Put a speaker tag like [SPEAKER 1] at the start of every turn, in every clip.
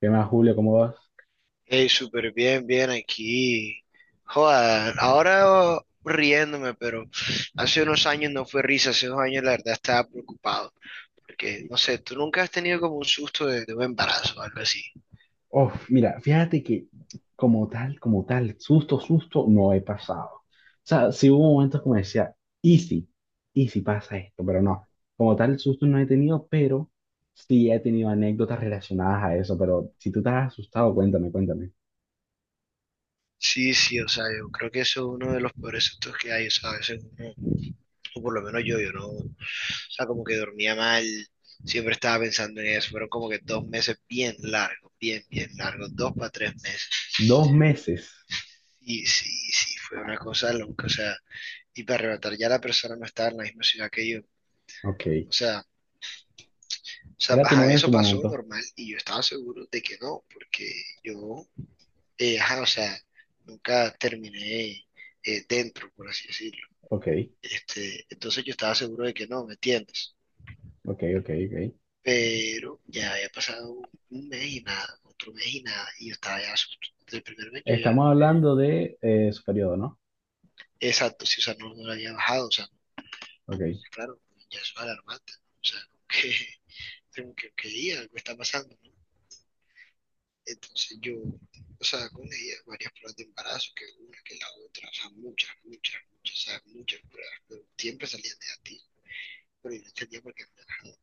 [SPEAKER 1] ¿Qué más, Julio? ¿Cómo vas?
[SPEAKER 2] Hey, súper bien, bien aquí. Joder, ahora oh, riéndome, pero hace unos años no fue risa, hace unos años la verdad estaba preocupado. Porque, no sé, tú nunca has tenido como un susto de un embarazo o algo así.
[SPEAKER 1] Uf, mira, fíjate que como tal, susto, susto, no he pasado. O sea, sí hubo momentos como decía, easy, easy pasa esto, pero no. Como tal, susto no he tenido, pero sí he tenido anécdotas relacionadas a eso. Pero si tú estás asustado, cuéntame, cuéntame.
[SPEAKER 2] Sí, sí, o sea, yo creo que eso es uno de los peores sustos que hay, o sea, a veces uno, o por lo menos yo, yo no, o sea, como que dormía mal, siempre estaba pensando en eso, fueron como que 2 meses bien largos, bien, bien largos, 2 para 3 meses.
[SPEAKER 1] 2 meses.
[SPEAKER 2] Y sí, sí, fue una cosa loca, o sea. Y para arrebatar ya la persona no estaba en la misma ciudad que yo.
[SPEAKER 1] Ok.
[SPEAKER 2] O sea, o sea,
[SPEAKER 1] ¿Era tu
[SPEAKER 2] ajá,
[SPEAKER 1] novia en su
[SPEAKER 2] eso pasó
[SPEAKER 1] momento?
[SPEAKER 2] normal y yo estaba seguro de que no, porque yo, ajá, o sea, nunca terminé dentro, por así decirlo.
[SPEAKER 1] Ok,
[SPEAKER 2] Este, entonces yo estaba seguro de que no, ¿me entiendes?
[SPEAKER 1] ok, ok, ok.
[SPEAKER 2] Pero ya había pasado un mes y nada, otro mes y nada, y yo estaba ya asustado. El primer mes yo ya,
[SPEAKER 1] Estamos hablando de su periodo, ¿no?
[SPEAKER 2] exacto, sí, o sea, no, no lo había bajado, o sea, no,
[SPEAKER 1] Ok.
[SPEAKER 2] claro, ya eso es alarmante, ¿no? O sea, que, tengo que, que ir, algo está pasando, ¿no? Entonces yo, o sea, con ella, varias pruebas de embarazo, que una, que la otra, o sea, muchas, muchas, muchas, o sea, muchas pruebas, pero siempre salían negativas, pero yo no entendía por qué no le bajaba.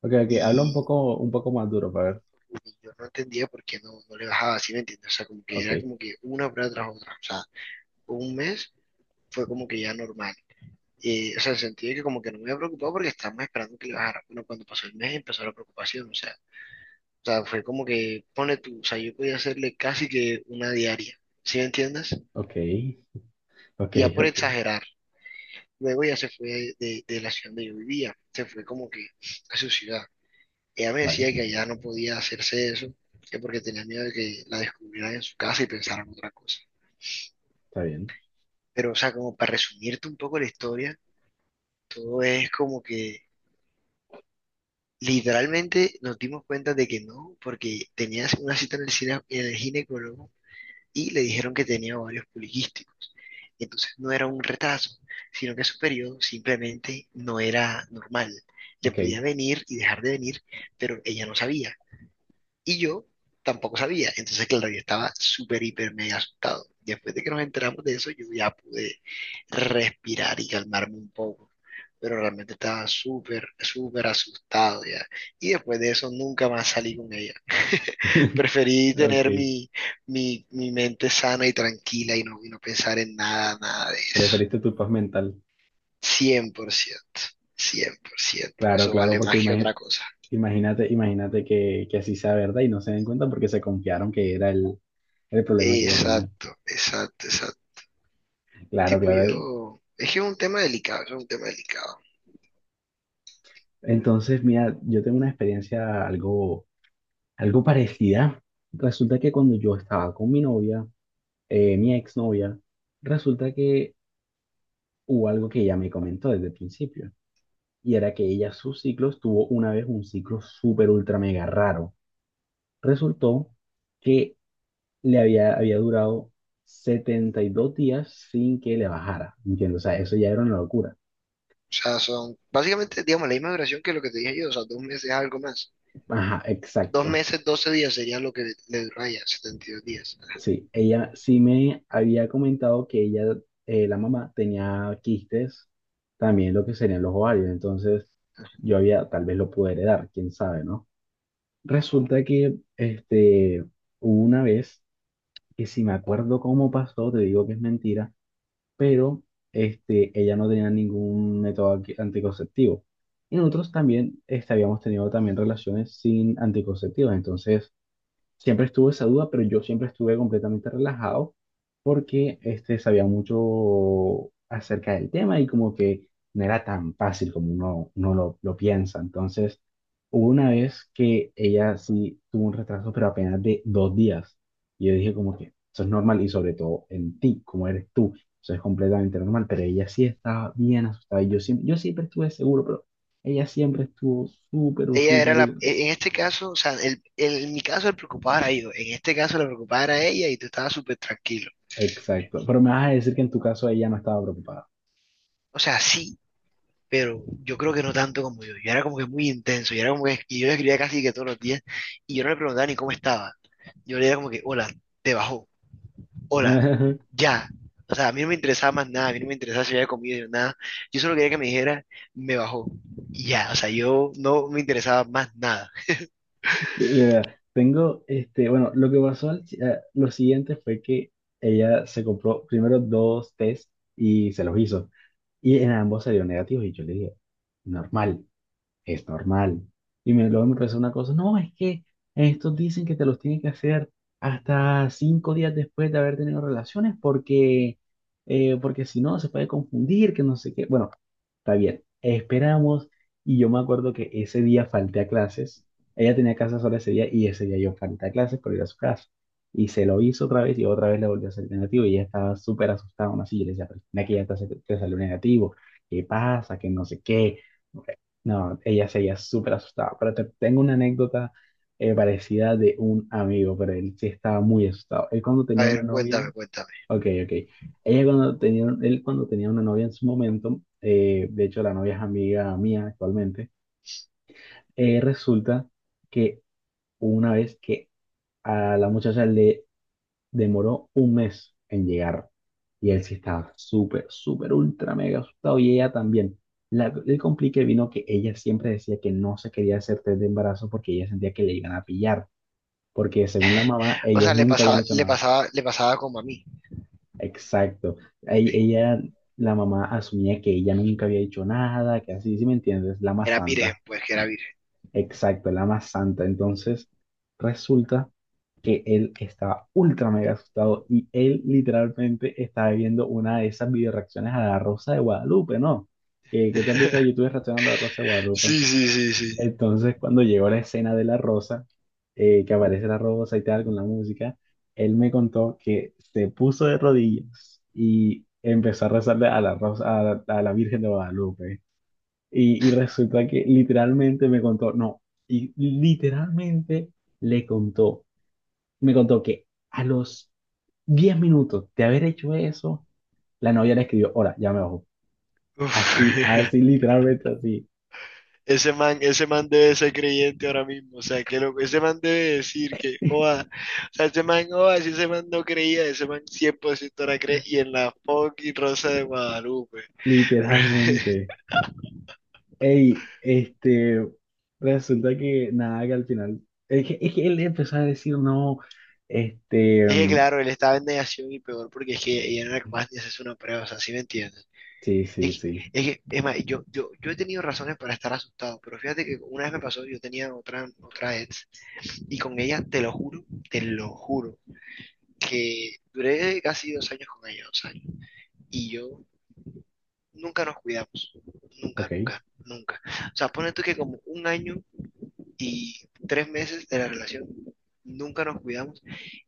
[SPEAKER 1] Ok, ok. Habla
[SPEAKER 2] Y,
[SPEAKER 1] un poco más duro para ver.
[SPEAKER 2] y yo no entendía por qué no, no le bajaba, ¿así me entiendes? O sea, como que
[SPEAKER 1] Ok.
[SPEAKER 2] era como que una prueba tras otra, o sea, un mes fue como que ya normal. O sea, en el sentido de que como que no me había preocupado porque estábamos esperando que le bajara. Bueno, cuando pasó el mes empezó la preocupación, o sea, fue como que, pone tú, o sea, yo podía hacerle casi que una diaria, ¿sí me entiendes?
[SPEAKER 1] Ok, ok,
[SPEAKER 2] Ya por
[SPEAKER 1] ok,
[SPEAKER 2] exagerar. Luego ella se fue de la ciudad donde yo vivía, se fue como que a su ciudad. Ella me
[SPEAKER 1] vale,
[SPEAKER 2] decía que allá no podía hacerse eso, que porque tenía miedo de que la descubrieran en su casa y pensaran otra cosa.
[SPEAKER 1] está bien,
[SPEAKER 2] Pero, o sea, como para resumirte un poco la historia, todo es como que literalmente nos dimos cuenta de que no, porque tenías una cita en el ginecólogo y le dijeron que tenía ovarios poliquísticos. Entonces no era un retraso, sino que su periodo simplemente no era normal. Le
[SPEAKER 1] ok,
[SPEAKER 2] podía venir y dejar de venir, pero ella no sabía. Y yo tampoco sabía. Entonces, claro, yo estaba súper, hiper, mega asustado. Después de que nos enteramos de eso, yo ya pude respirar y calmarme un poco. Pero realmente estaba súper, súper asustado ya. Y después de eso, nunca más salí con ella. Preferí tener
[SPEAKER 1] ok,
[SPEAKER 2] mi mente sana y tranquila y no pensar en nada, nada de eso.
[SPEAKER 1] preferiste tu paz mental,
[SPEAKER 2] Cien por ciento, 100%.
[SPEAKER 1] claro,
[SPEAKER 2] Eso
[SPEAKER 1] claro,
[SPEAKER 2] vale
[SPEAKER 1] porque
[SPEAKER 2] más que otra cosa.
[SPEAKER 1] imagínate, imagínate que así sea verdad y no se den cuenta porque se confiaron que era el problema que ella tenía,
[SPEAKER 2] Exacto, exacto, exacto.
[SPEAKER 1] claro,
[SPEAKER 2] Tipo
[SPEAKER 1] claro,
[SPEAKER 2] yo, es que es un tema delicado, es un tema delicado. O
[SPEAKER 1] entonces, mira, yo tengo una experiencia algo parecida, resulta que cuando yo estaba con mi novia, mi exnovia, resulta que hubo algo que ella me comentó desde el principio. Y era que ella sus ciclos tuvo una vez un ciclo súper ultra mega raro. Resultó que le había durado 72 días sin que le bajara, ¿entiendes? O sea, eso ya era una locura.
[SPEAKER 2] sea, son básicamente, digamos, la misma duración que lo que te dije yo, o sea, 2 meses algo más.
[SPEAKER 1] Ajá,
[SPEAKER 2] Dos
[SPEAKER 1] exacto.
[SPEAKER 2] meses, doce días sería lo que le dura a ella, 72 días.
[SPEAKER 1] Sí, ella sí me había comentado que ella, la mamá, tenía quistes, también lo que serían los ovarios, entonces yo había, tal vez lo pude heredar, quién sabe, ¿no? Resulta que, hubo una vez que si me acuerdo cómo pasó, te digo que es mentira, pero ella no tenía ningún método anticonceptivo. Y nosotros también habíamos tenido también relaciones sin anticonceptivos, entonces siempre estuvo esa duda, pero yo siempre estuve completamente relajado porque sabía mucho acerca del tema y como que no era tan fácil como uno lo piensa. Entonces, hubo una vez que ella sí tuvo un retraso, pero apenas de 2 días. Y yo dije como que eso es normal y sobre todo en ti, como eres tú, eso es completamente normal, pero ella sí estaba bien asustada y yo siempre estuve seguro, pero ella siempre estuvo súper,
[SPEAKER 2] Ella era
[SPEAKER 1] súper.
[SPEAKER 2] la, en este caso, o sea, en mi caso el preocupado era yo, en este caso la preocupada era ella y tú estabas súper tranquilo.
[SPEAKER 1] Exacto, pero me vas a decir que en tu caso ella no estaba preocupada.
[SPEAKER 2] O sea, sí, pero yo creo que no tanto como yo. Yo era como que muy intenso, yo era como que, y yo le escribía casi que todos los días y yo no le preguntaba ni cómo estaba. Yo le decía como que, hola, te bajó, hola, ya. O sea, a mí no me interesaba más nada, a mí no me interesaba si había comido nada. Yo solo quería que me dijera, me bajó, y ya. O sea, yo no me interesaba más nada.
[SPEAKER 1] Eh, Tengo, bueno, lo que pasó, si, lo siguiente fue que ella se compró primero dos test y se los hizo. Y en ambos salieron negativos y yo le dije, normal. Es normal. Luego me empezó una cosa, no, es que estos dicen que te los tienen que hacer hasta 5 días después de haber tenido relaciones porque, porque si no se puede confundir, que no sé qué. Bueno, está bien, esperamos y yo me acuerdo que ese día falté a clases, ella tenía casa sola ese día y ese día yo falté a clases por ir a su casa. Y se lo hizo otra vez y otra vez le volvió a salir negativo y ella estaba súper asustada, aún así yo le decía, pero mira que ya te salió negativo, ¿qué pasa? Que no sé qué no, ella seguía súper asustada, pero tengo una anécdota parecida de un amigo, pero él sí estaba muy asustado. Él cuando
[SPEAKER 2] A
[SPEAKER 1] tenía una
[SPEAKER 2] ver,
[SPEAKER 1] novia,
[SPEAKER 2] cuéntame, cuéntame.
[SPEAKER 1] ok, ok. Él cuando tenía una novia en su momento, de hecho la novia es amiga mía actualmente, resulta que una vez que a la muchacha le demoró un mes en llegar. Y él sí estaba súper, súper, ultra, mega asustado. Y ella también. El complique vino que ella siempre decía que no se quería hacer test de embarazo porque ella sentía que le iban a pillar. Porque según la mamá,
[SPEAKER 2] O sea,
[SPEAKER 1] ellos
[SPEAKER 2] le
[SPEAKER 1] nunca habían
[SPEAKER 2] pasaba,
[SPEAKER 1] hecho
[SPEAKER 2] le
[SPEAKER 1] nada.
[SPEAKER 2] pasaba, le pasaba como a mí.
[SPEAKER 1] Exacto.
[SPEAKER 2] ¿Sí?
[SPEAKER 1] Ella, la mamá asumía que ella nunca había hecho nada, que así, ¿sí me entiendes? La más
[SPEAKER 2] Era virgen,
[SPEAKER 1] santa.
[SPEAKER 2] pues que era virgen.
[SPEAKER 1] Exacto, la más santa. Entonces, resulta que él estaba ultra mega asustado y él literalmente estaba viendo una de esas video reacciones a la Rosa de Guadalupe, ¿no? Que, que Tú has visto de YouTube reaccionando a la Rosa de Guadalupe.
[SPEAKER 2] Sí, sí, sí, sí.
[SPEAKER 1] Entonces, cuando llegó la escena de la Rosa, que aparece la Rosa y tal con la música, él me contó que se puso de rodillas y empezó a rezarle a la Rosa, a la Virgen de Guadalupe. Y resulta que literalmente me contó, no, y literalmente le contó, me contó que a los 10 minutos de haber hecho eso, la novia le escribió, hola, ya me bajo.
[SPEAKER 2] Uf.
[SPEAKER 1] Así, así, literalmente así,
[SPEAKER 2] Ese man debe ser creyente ahora mismo, o sea, que lo, ese man debe decir que, joda, o sea, ese man, joda, si ese man no creía, ese man 100% ahora cree, y en la fucking Rosa de Guadalupe.
[SPEAKER 1] literalmente. Ey, resulta que nada, que al final, es que él empezó a decir, no,
[SPEAKER 2] Es que
[SPEAKER 1] mm,
[SPEAKER 2] claro, él estaba en negación y peor porque es que ella no era capaz ni hacerse una prueba, o sea, ¿sí me entiendes?
[SPEAKER 1] sí, sí, sí,
[SPEAKER 2] Es más, yo he tenido razones para estar asustado, pero fíjate que una vez me pasó, yo tenía otra ex, y con ella, te lo juro, que duré casi 2 años con ella, 2 años, y yo nunca nos cuidamos, nunca,
[SPEAKER 1] ok,
[SPEAKER 2] nunca, nunca. O sea, pone tú que como un año y 3 meses de la relación, nunca nos cuidamos,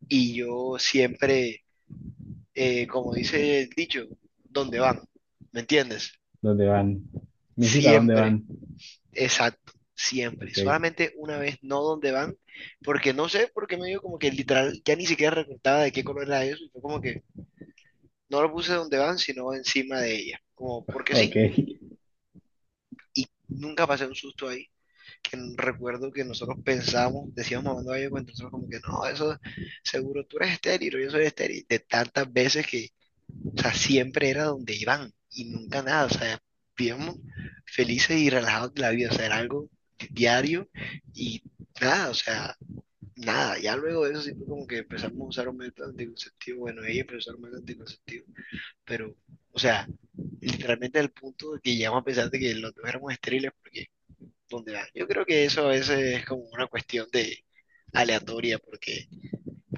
[SPEAKER 2] y yo siempre, como dice el dicho, ¿dónde van? ¿Me entiendes?
[SPEAKER 1] ¿dónde van? Mi hijita, ¿dónde
[SPEAKER 2] Siempre.
[SPEAKER 1] van?
[SPEAKER 2] Exacto, siempre.
[SPEAKER 1] Ok,
[SPEAKER 2] Solamente una vez, no dónde van, porque no sé por qué me dio como que literal, ya ni siquiera recordaba de qué color era eso, y fue como que no lo puse donde van, sino encima de ella, como porque
[SPEAKER 1] ok.
[SPEAKER 2] sí, y nunca pasé un susto ahí, que recuerdo que nosotros pensábamos, decíamos mamando gallo con nosotros como que no, eso seguro tú eres estéril, o yo soy estéril, de tantas veces que. O sea, siempre era donde iban y nunca nada. O sea, vivíamos felices y relajados de la vida. O sea, era algo diario y nada, o sea, nada. Ya luego de eso sí fue como que empezamos a usar un método anticonceptivo. Bueno, ella empezó a usar un método anticonceptivo, pero, o sea, literalmente al punto de que llegamos a pensar de que los dos éramos estériles porque, ¿dónde va? Yo creo que eso a veces es como una cuestión de aleatoria porque,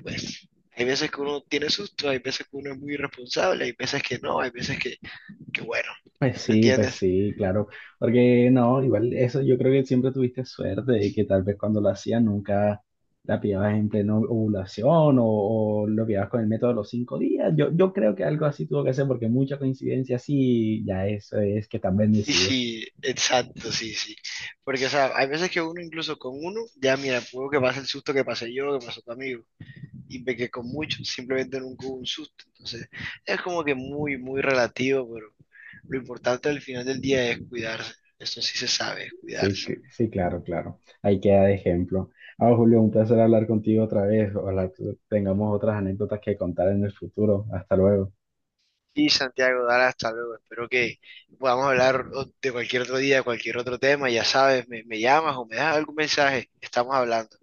[SPEAKER 2] pues, hay veces que uno tiene susto, hay veces que uno es muy irresponsable, hay veces que no, hay veces que. Qué bueno, ¿me
[SPEAKER 1] Pues
[SPEAKER 2] entiendes?
[SPEAKER 1] sí, claro. Porque no, igual eso yo creo que siempre tuviste suerte y que tal vez cuando lo hacías nunca la pillabas en pleno ovulación o lo pillabas con el método de los 5 días. Yo creo que algo así tuvo que ser porque mucha coincidencia sí, ya eso es que están
[SPEAKER 2] Sí,
[SPEAKER 1] bendecidos.
[SPEAKER 2] sí, exacto, sí, sí. Porque, o sea, hay veces que uno incluso con uno, ya mira, puedo que pase el susto que pasé yo, que pasó tu amigo, y ve que con muchos simplemente nunca hubo un susto. Entonces, es como que muy, muy relativo, pero lo importante al final del día es cuidarse. Esto sí se sabe, es
[SPEAKER 1] Sí,
[SPEAKER 2] cuidarse.
[SPEAKER 1] sí, claro, claro. Ahí queda de ejemplo. Ah, Julio, un placer hablar contigo otra vez. Ojalá tengamos otras anécdotas que contar en el futuro. Hasta luego.
[SPEAKER 2] Y Santiago, Dara, hasta luego. Espero que podamos hablar de cualquier otro día, de cualquier otro tema. Ya sabes, me llamas o me das algún mensaje. Estamos hablando.